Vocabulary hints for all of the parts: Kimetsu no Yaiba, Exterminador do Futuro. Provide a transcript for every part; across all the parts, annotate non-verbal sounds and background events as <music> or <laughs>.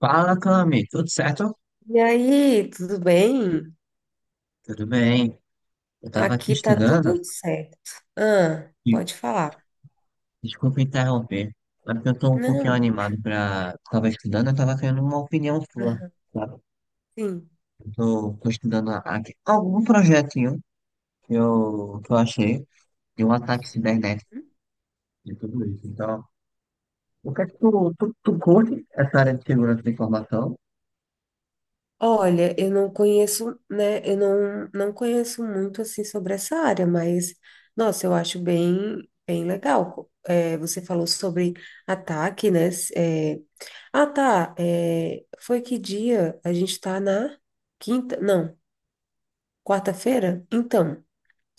Fala, Cami, tudo certo? E aí, tudo bem? Tudo bem. Eu tava aqui Aqui tá estudando tudo certo. Ah, e pode falar. desculpa interromper, mas porque eu tô um pouquinho Não. animado pra. Tava estudando, eu tava querendo uma opinião sua, Aham. sabe? Sim. Eu tô estudando aqui algum projetinho que eu achei de um ataque cibernético e tudo isso. Então, o que é que tu curte essa área de segurança da informação? Olha, eu não conheço, né? Eu não conheço muito assim sobre essa área, mas nossa, eu acho bem, bem legal. É, você falou sobre ataque, né? É, ah, tá. É, foi que dia? A gente tá na quinta? Não, quarta-feira? Então.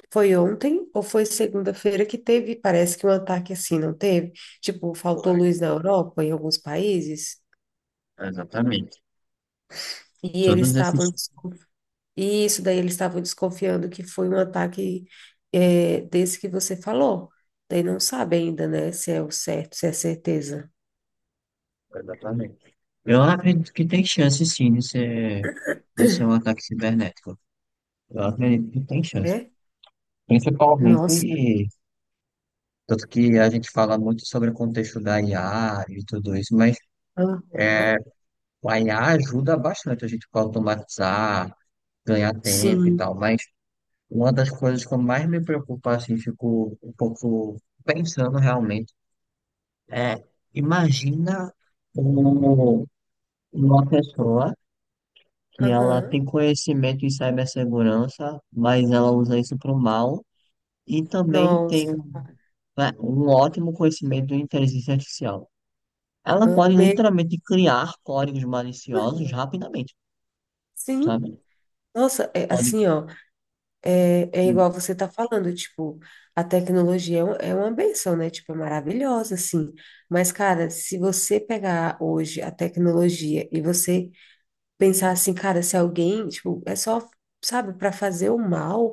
Foi ontem ou foi segunda-feira que teve, parece que um ataque assim, não teve? Tipo, Ué, faltou luz na Europa, em alguns países, exatamente. e eles Todos estavam, esses. E isso daí eles estavam desconfiando que foi um ataque, desse que você falou. Daí não sabe ainda, né, se é o certo, se é certeza, Exatamente. Eu acredito que tem chance sim de ser um ataque cibernético. Eu acredito tem chance. né? Principalmente, Nossa, tanto que a gente fala muito sobre o contexto da IA e tudo isso, mas aham, a IA ajuda bastante a gente para automatizar, ganhar tempo e sim, tal. Mas uma das coisas que eu mais me preocupo, assim, fico um pouco pensando realmente, é, imagina um- uma pessoa que ela aham, tem conhecimento em cibersegurança, mas ela usa isso para o mal. E também tem um, nossa, cara, né, um ótimo conhecimento de inteligência artificial. Ela aham, pode literalmente criar códigos ah, maliciosos rapidamente, sim, sabe? nossa, é Pode. assim, ó. É hum, igual você tá falando, tipo, a tecnologia é é uma benção, né? Tipo, é maravilhosa, assim. Mas, cara, se você pegar hoje a tecnologia e você pensar assim, cara, se alguém, tipo, é só, sabe, para fazer o mal,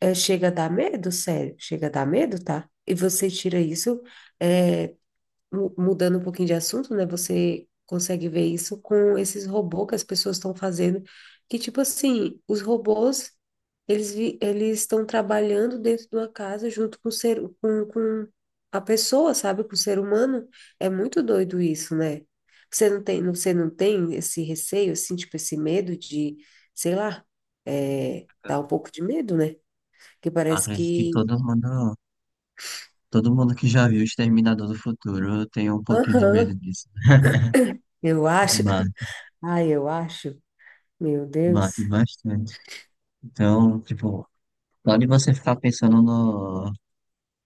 é, chega a dar medo, sério, chega a dar medo, tá? E você tira isso, é, mudando um pouquinho de assunto, né? Você consegue ver isso com esses robôs que as pessoas estão fazendo, que tipo assim, os robôs, eles estão trabalhando dentro de uma casa junto com o ser com a pessoa, sabe? Com o ser humano. É muito doido isso, né? Você não tem esse receio, assim, tipo esse medo de, sei lá, dá um pouco de medo, né? Que parece Acredito que que todo mundo que já viu Exterminador do Futuro tem um <laughs> pouquinho de medo Aham, disso, né? eu acho. Mate, Ai, eu acho. Meu Deus. mate bastante. Então, tipo, pode você ficar pensando no,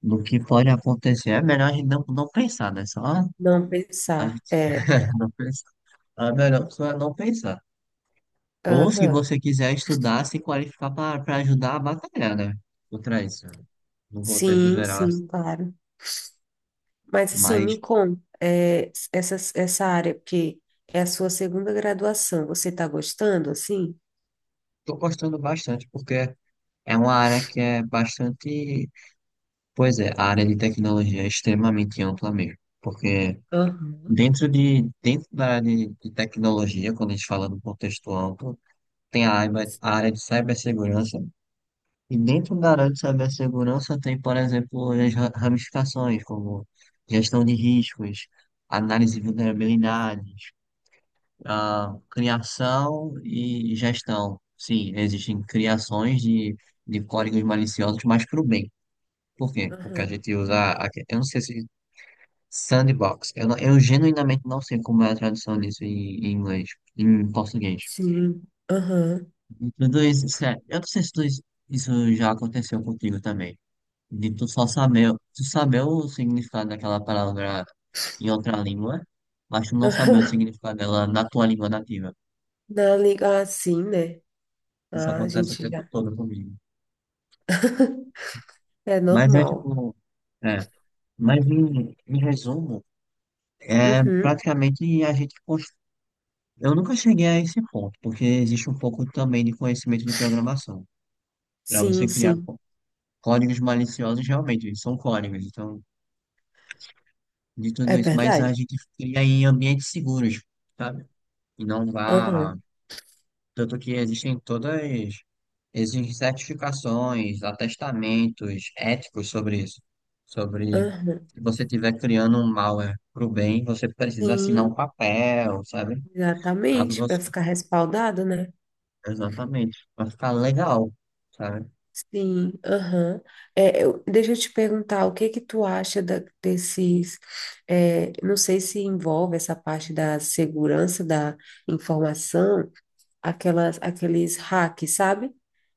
no que pode acontecer. É melhor a gente não, não pensar, né? Só Não a pensar. gente É, <laughs> não pensar. A melhor opção é não pensar. Ou se aham. você quiser estudar, se qualificar para ajudar a batalhar, né? Contra isso, no contexto Sim, geral. sim, claro. Mas assim, Mas me conta, essa área, porque é a sua segunda graduação, você está gostando, assim? estou gostando bastante porque é uma área que é bastante. Pois é, a área de tecnologia é extremamente ampla mesmo. Porque Aham. dentro da área de tecnologia, quando a gente fala do contexto amplo, tem a área de cibersegurança. E dentro da área de cibersegurança tem, por exemplo, as ramificações, como gestão de riscos, análise de vulnerabilidades, ah, criação e gestão. Sim, existem criações de códigos maliciosos, mas para o bem. Por quê? Porque a Aham, gente usa, eu não sei se sandbox, eu genuinamente não sei como é a tradução disso em, em inglês, em português. sim, aham, E tudo isso, sério, eu não sei se tudo isso já aconteceu contigo também. De tu saber o significado daquela palavra em outra língua, mas tu <laughs> não saber o aham. significado dela na tua língua nativa. Na liga, ah, sim, né? Isso Ah, a acontece o gente tempo já, todo comigo. é Mas é normal. tipo, é, mas em, em resumo, é Uhum, praticamente a gente eu nunca cheguei a esse ponto, porque existe um pouco também de conhecimento de programação. Para você sim, criar sim, códigos maliciosos, realmente, eles são códigos, então, de é tudo isso. Mas verdade. a gente cria em ambientes seguros, sabe? E não vá. Aham, Tanto que existem todas, existem certificações, atestamentos éticos sobre isso. Sobre aham, se você estiver criando um malware para o bem, você precisa assinar um sim, papel, sabe? Caso exatamente, para você. ficar respaldado, né? Exatamente. Para ficar legal, sabe? Sim, aham. É, deixa eu te perguntar, o que que tu acha desses, não sei se envolve essa parte da segurança da informação, aqueles hacks, sabe?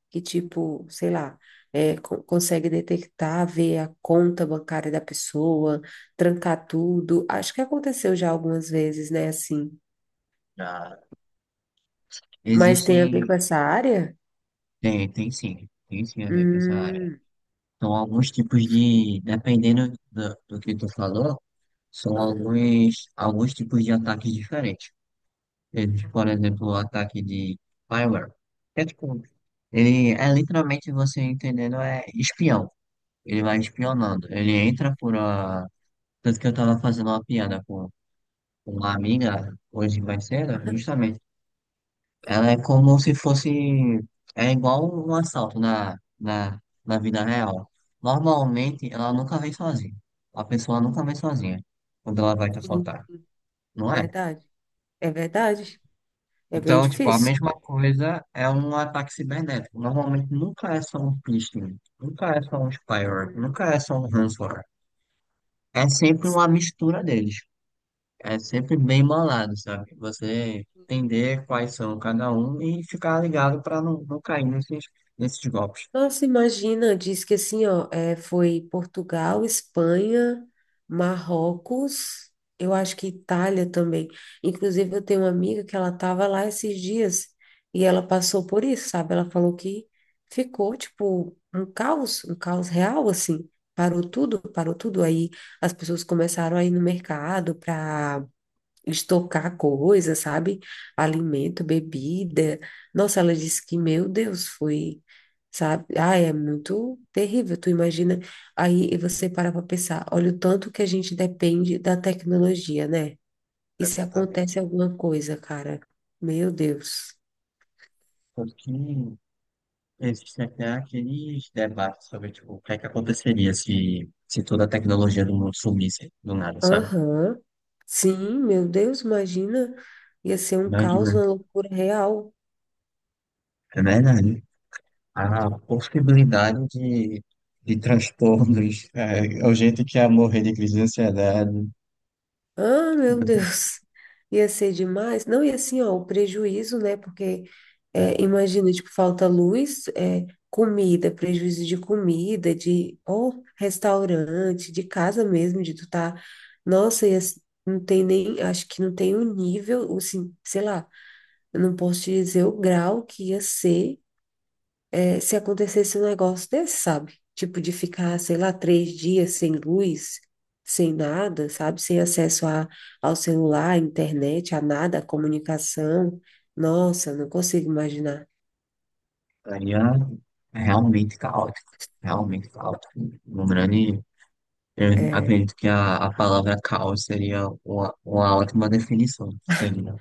Que tipo, sei lá, consegue detectar, ver a conta bancária da pessoa, trancar tudo. Acho que aconteceu já algumas vezes, né, assim. Ah, Mas tem a ver existem. com essa área? Tem, tem sim. Tem sim a ver com essa área. Hum, São alguns tipos de. Dependendo do, do que tu falou, são aham. alguns, alguns tipos de ataques diferentes. Eles, por exemplo, o ataque de spyware, que é tipo, ele é literalmente você entendendo, é espião. Ele vai Hum, espionando. Ele entra por a. Tanto que eu tava fazendo uma piada com uma amiga hoje mais cedo, <laughs> justamente. Ela é sim. como se fosse. É igual um assalto na vida real. Normalmente, ela nunca vem sozinha. A pessoa nunca vem sozinha quando ela vai te Sim, assaltar. Não é? verdade, é verdade, é bem Então, tipo, a difícil. mesma coisa é um ataque cibernético. Normalmente nunca é só um phishing, nunca é só um spyware, Hum. nunca é só um ransomware. É sempre uma mistura deles. É sempre bem malado, sabe? Você entender quais são cada um e ficar ligado para não, não cair nesses, nesses golpes. Nossa, imagina, diz que assim, ó, foi Portugal, Espanha, Marrocos, eu acho que Itália também. Inclusive, eu tenho uma amiga que ela tava lá esses dias e ela passou por isso, sabe? Ela falou que ficou, tipo, um caos real, assim. Parou tudo, parou tudo. Aí as pessoas começaram a ir no mercado para estocar coisa, sabe? Alimento, bebida. Nossa, ela disse que, meu Deus, foi, sabe? Ah, é muito terrível. Tu imagina, aí você para para pensar, olha o tanto que a gente depende da tecnologia, né? E se Exatamente. acontece alguma coisa, cara? Meu Deus. Tanto que existe até aqueles debates sobre, tipo, o que é que aconteceria se, se toda a tecnologia do mundo sumisse do nada, sabe? Aham. Sim, meu Deus, imagina. Ia ser um Imagina. caos, uma loucura real. É verdade. A possibilidade de transtornos, é o jeito que ia morrer de crise de ansiedade, Ah, meu né? Deus, ia ser demais. Não, e assim, ó, o prejuízo, né? Porque é, imagina, tipo, falta luz, comida, prejuízo de comida, de ou restaurante, de casa mesmo, de tu tá. Nossa, não tem nem, acho que não tem o nível, o sim, sei lá, eu não posso te dizer o grau que ia ser, se acontecesse um negócio desse, sabe? Tipo de ficar, sei lá, 3 dias sem luz, sem nada, sabe? Sem acesso ao celular, à internet, a nada, à comunicação. Nossa, eu não consigo imaginar. Seria realmente caótico, realmente caótico. Um grande, eu É, acredito que a palavra caos seria uma ótima definição, seria.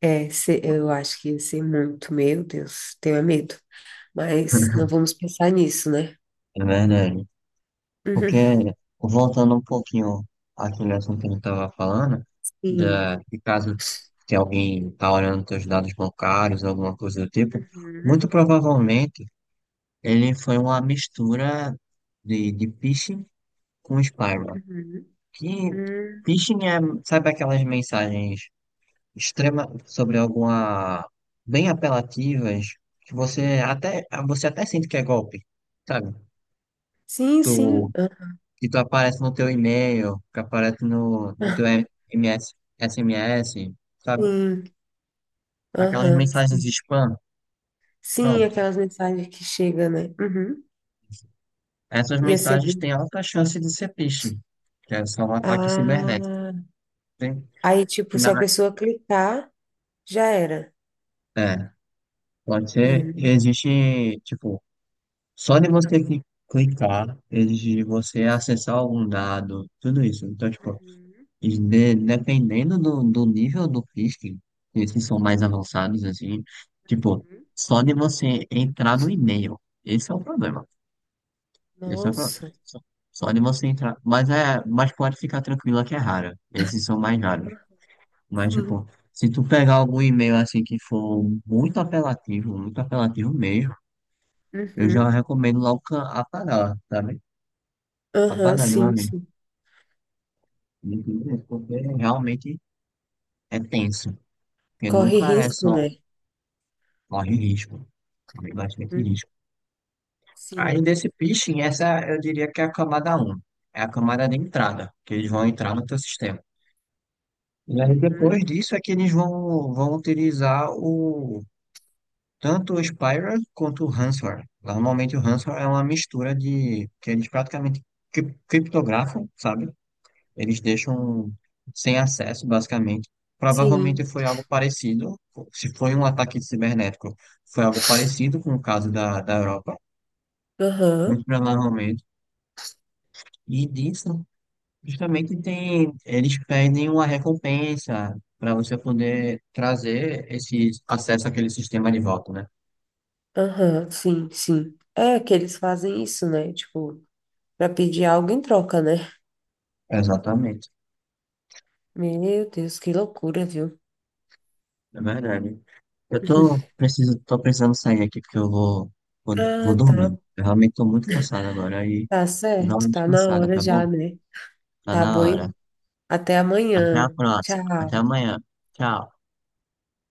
é, eu acho que ia ser muito, meu Deus, tenho é medo. Mas não <laughs> vamos pensar nisso, né? É verdade. Porque, <laughs> voltando um pouquinho àquele assunto que a gente estava falando, Uhum, de caso se alguém está olhando seus dados bancários, alguma coisa do tipo, sim. muito Uhum, provavelmente ele foi uma mistura de phishing com spyware. uhum, Que uhum. phishing é, sabe aquelas mensagens extrema sobre alguma, bem apelativas, que você até sente que é golpe, sabe? Sim, Tu sim. Que tu aparece no teu e-mail, que aparece no teu Ah, MS, SMS, sabe? sim, Aquelas aham, mensagens de sim. spam, Sim, pronto. aquelas mensagens que chegam, né? Uhum. Essas Ia ser. mensagens têm alta chance de ser phishing, que é só um ataque cibernético. Ah, Tem, aí, tipo, que na, se a pessoa clicar, já era. É, pode ser, Hum, existe, tipo, só de você clicar, exige de você acessar algum dado, tudo isso. Então, tipo, Uhum, e dependendo do, do nível do phishing, esses são mais avançados, assim, tipo, uhum. só de você entrar no e-mail, esse é o problema. Esse é o problema. Nossa. Só, só de você entrar, mas é, mas pode ficar tranquila que é rara. Esses são mais raros. Mas, Sim. tipo, se tu pegar algum e-mail assim que for muito apelativo mesmo, eu já Uhum. recomendo logo apagar, sabe? Aham, Apagar de uma sim, vez. sim. Porque realmente é tenso. Porque Corre nunca é risco, só né? corre risco, corre bastante Hum, risco. Aí sim. desse phishing, essa eu diria que é a camada um, é a camada de entrada, que eles vão entrar no teu sistema. E aí Uhum. depois disso é que eles vão utilizar o tanto o Spyware quanto o Ransomware. Normalmente o Ransomware é uma mistura de que eles praticamente criptografam, sabe? Eles deixam sem acesso, basicamente. Provavelmente Sim. foi algo parecido, se foi um ataque cibernético, foi algo parecido com o caso da Europa Aham, muito provavelmente. E disso, justamente tem, eles pedem uma recompensa para você poder trazer esse acesso àquele sistema de volta, né? aham, sim, sim. É que eles fazem isso, né? Tipo, pra pedir algo em troca, né? Exatamente, Meu Deus, que loucura, viu? é verdade. Eu tô, preciso, tô precisando sair aqui porque eu Ah, vou dormir. tá, Eu realmente tô muito cansado agora e tá eu dou uma certo, tá na descansada, hora tá bom? já, né? Tá Tá na bom, hora. até Até a amanhã. próxima. Até Tchau. amanhã. Tchau.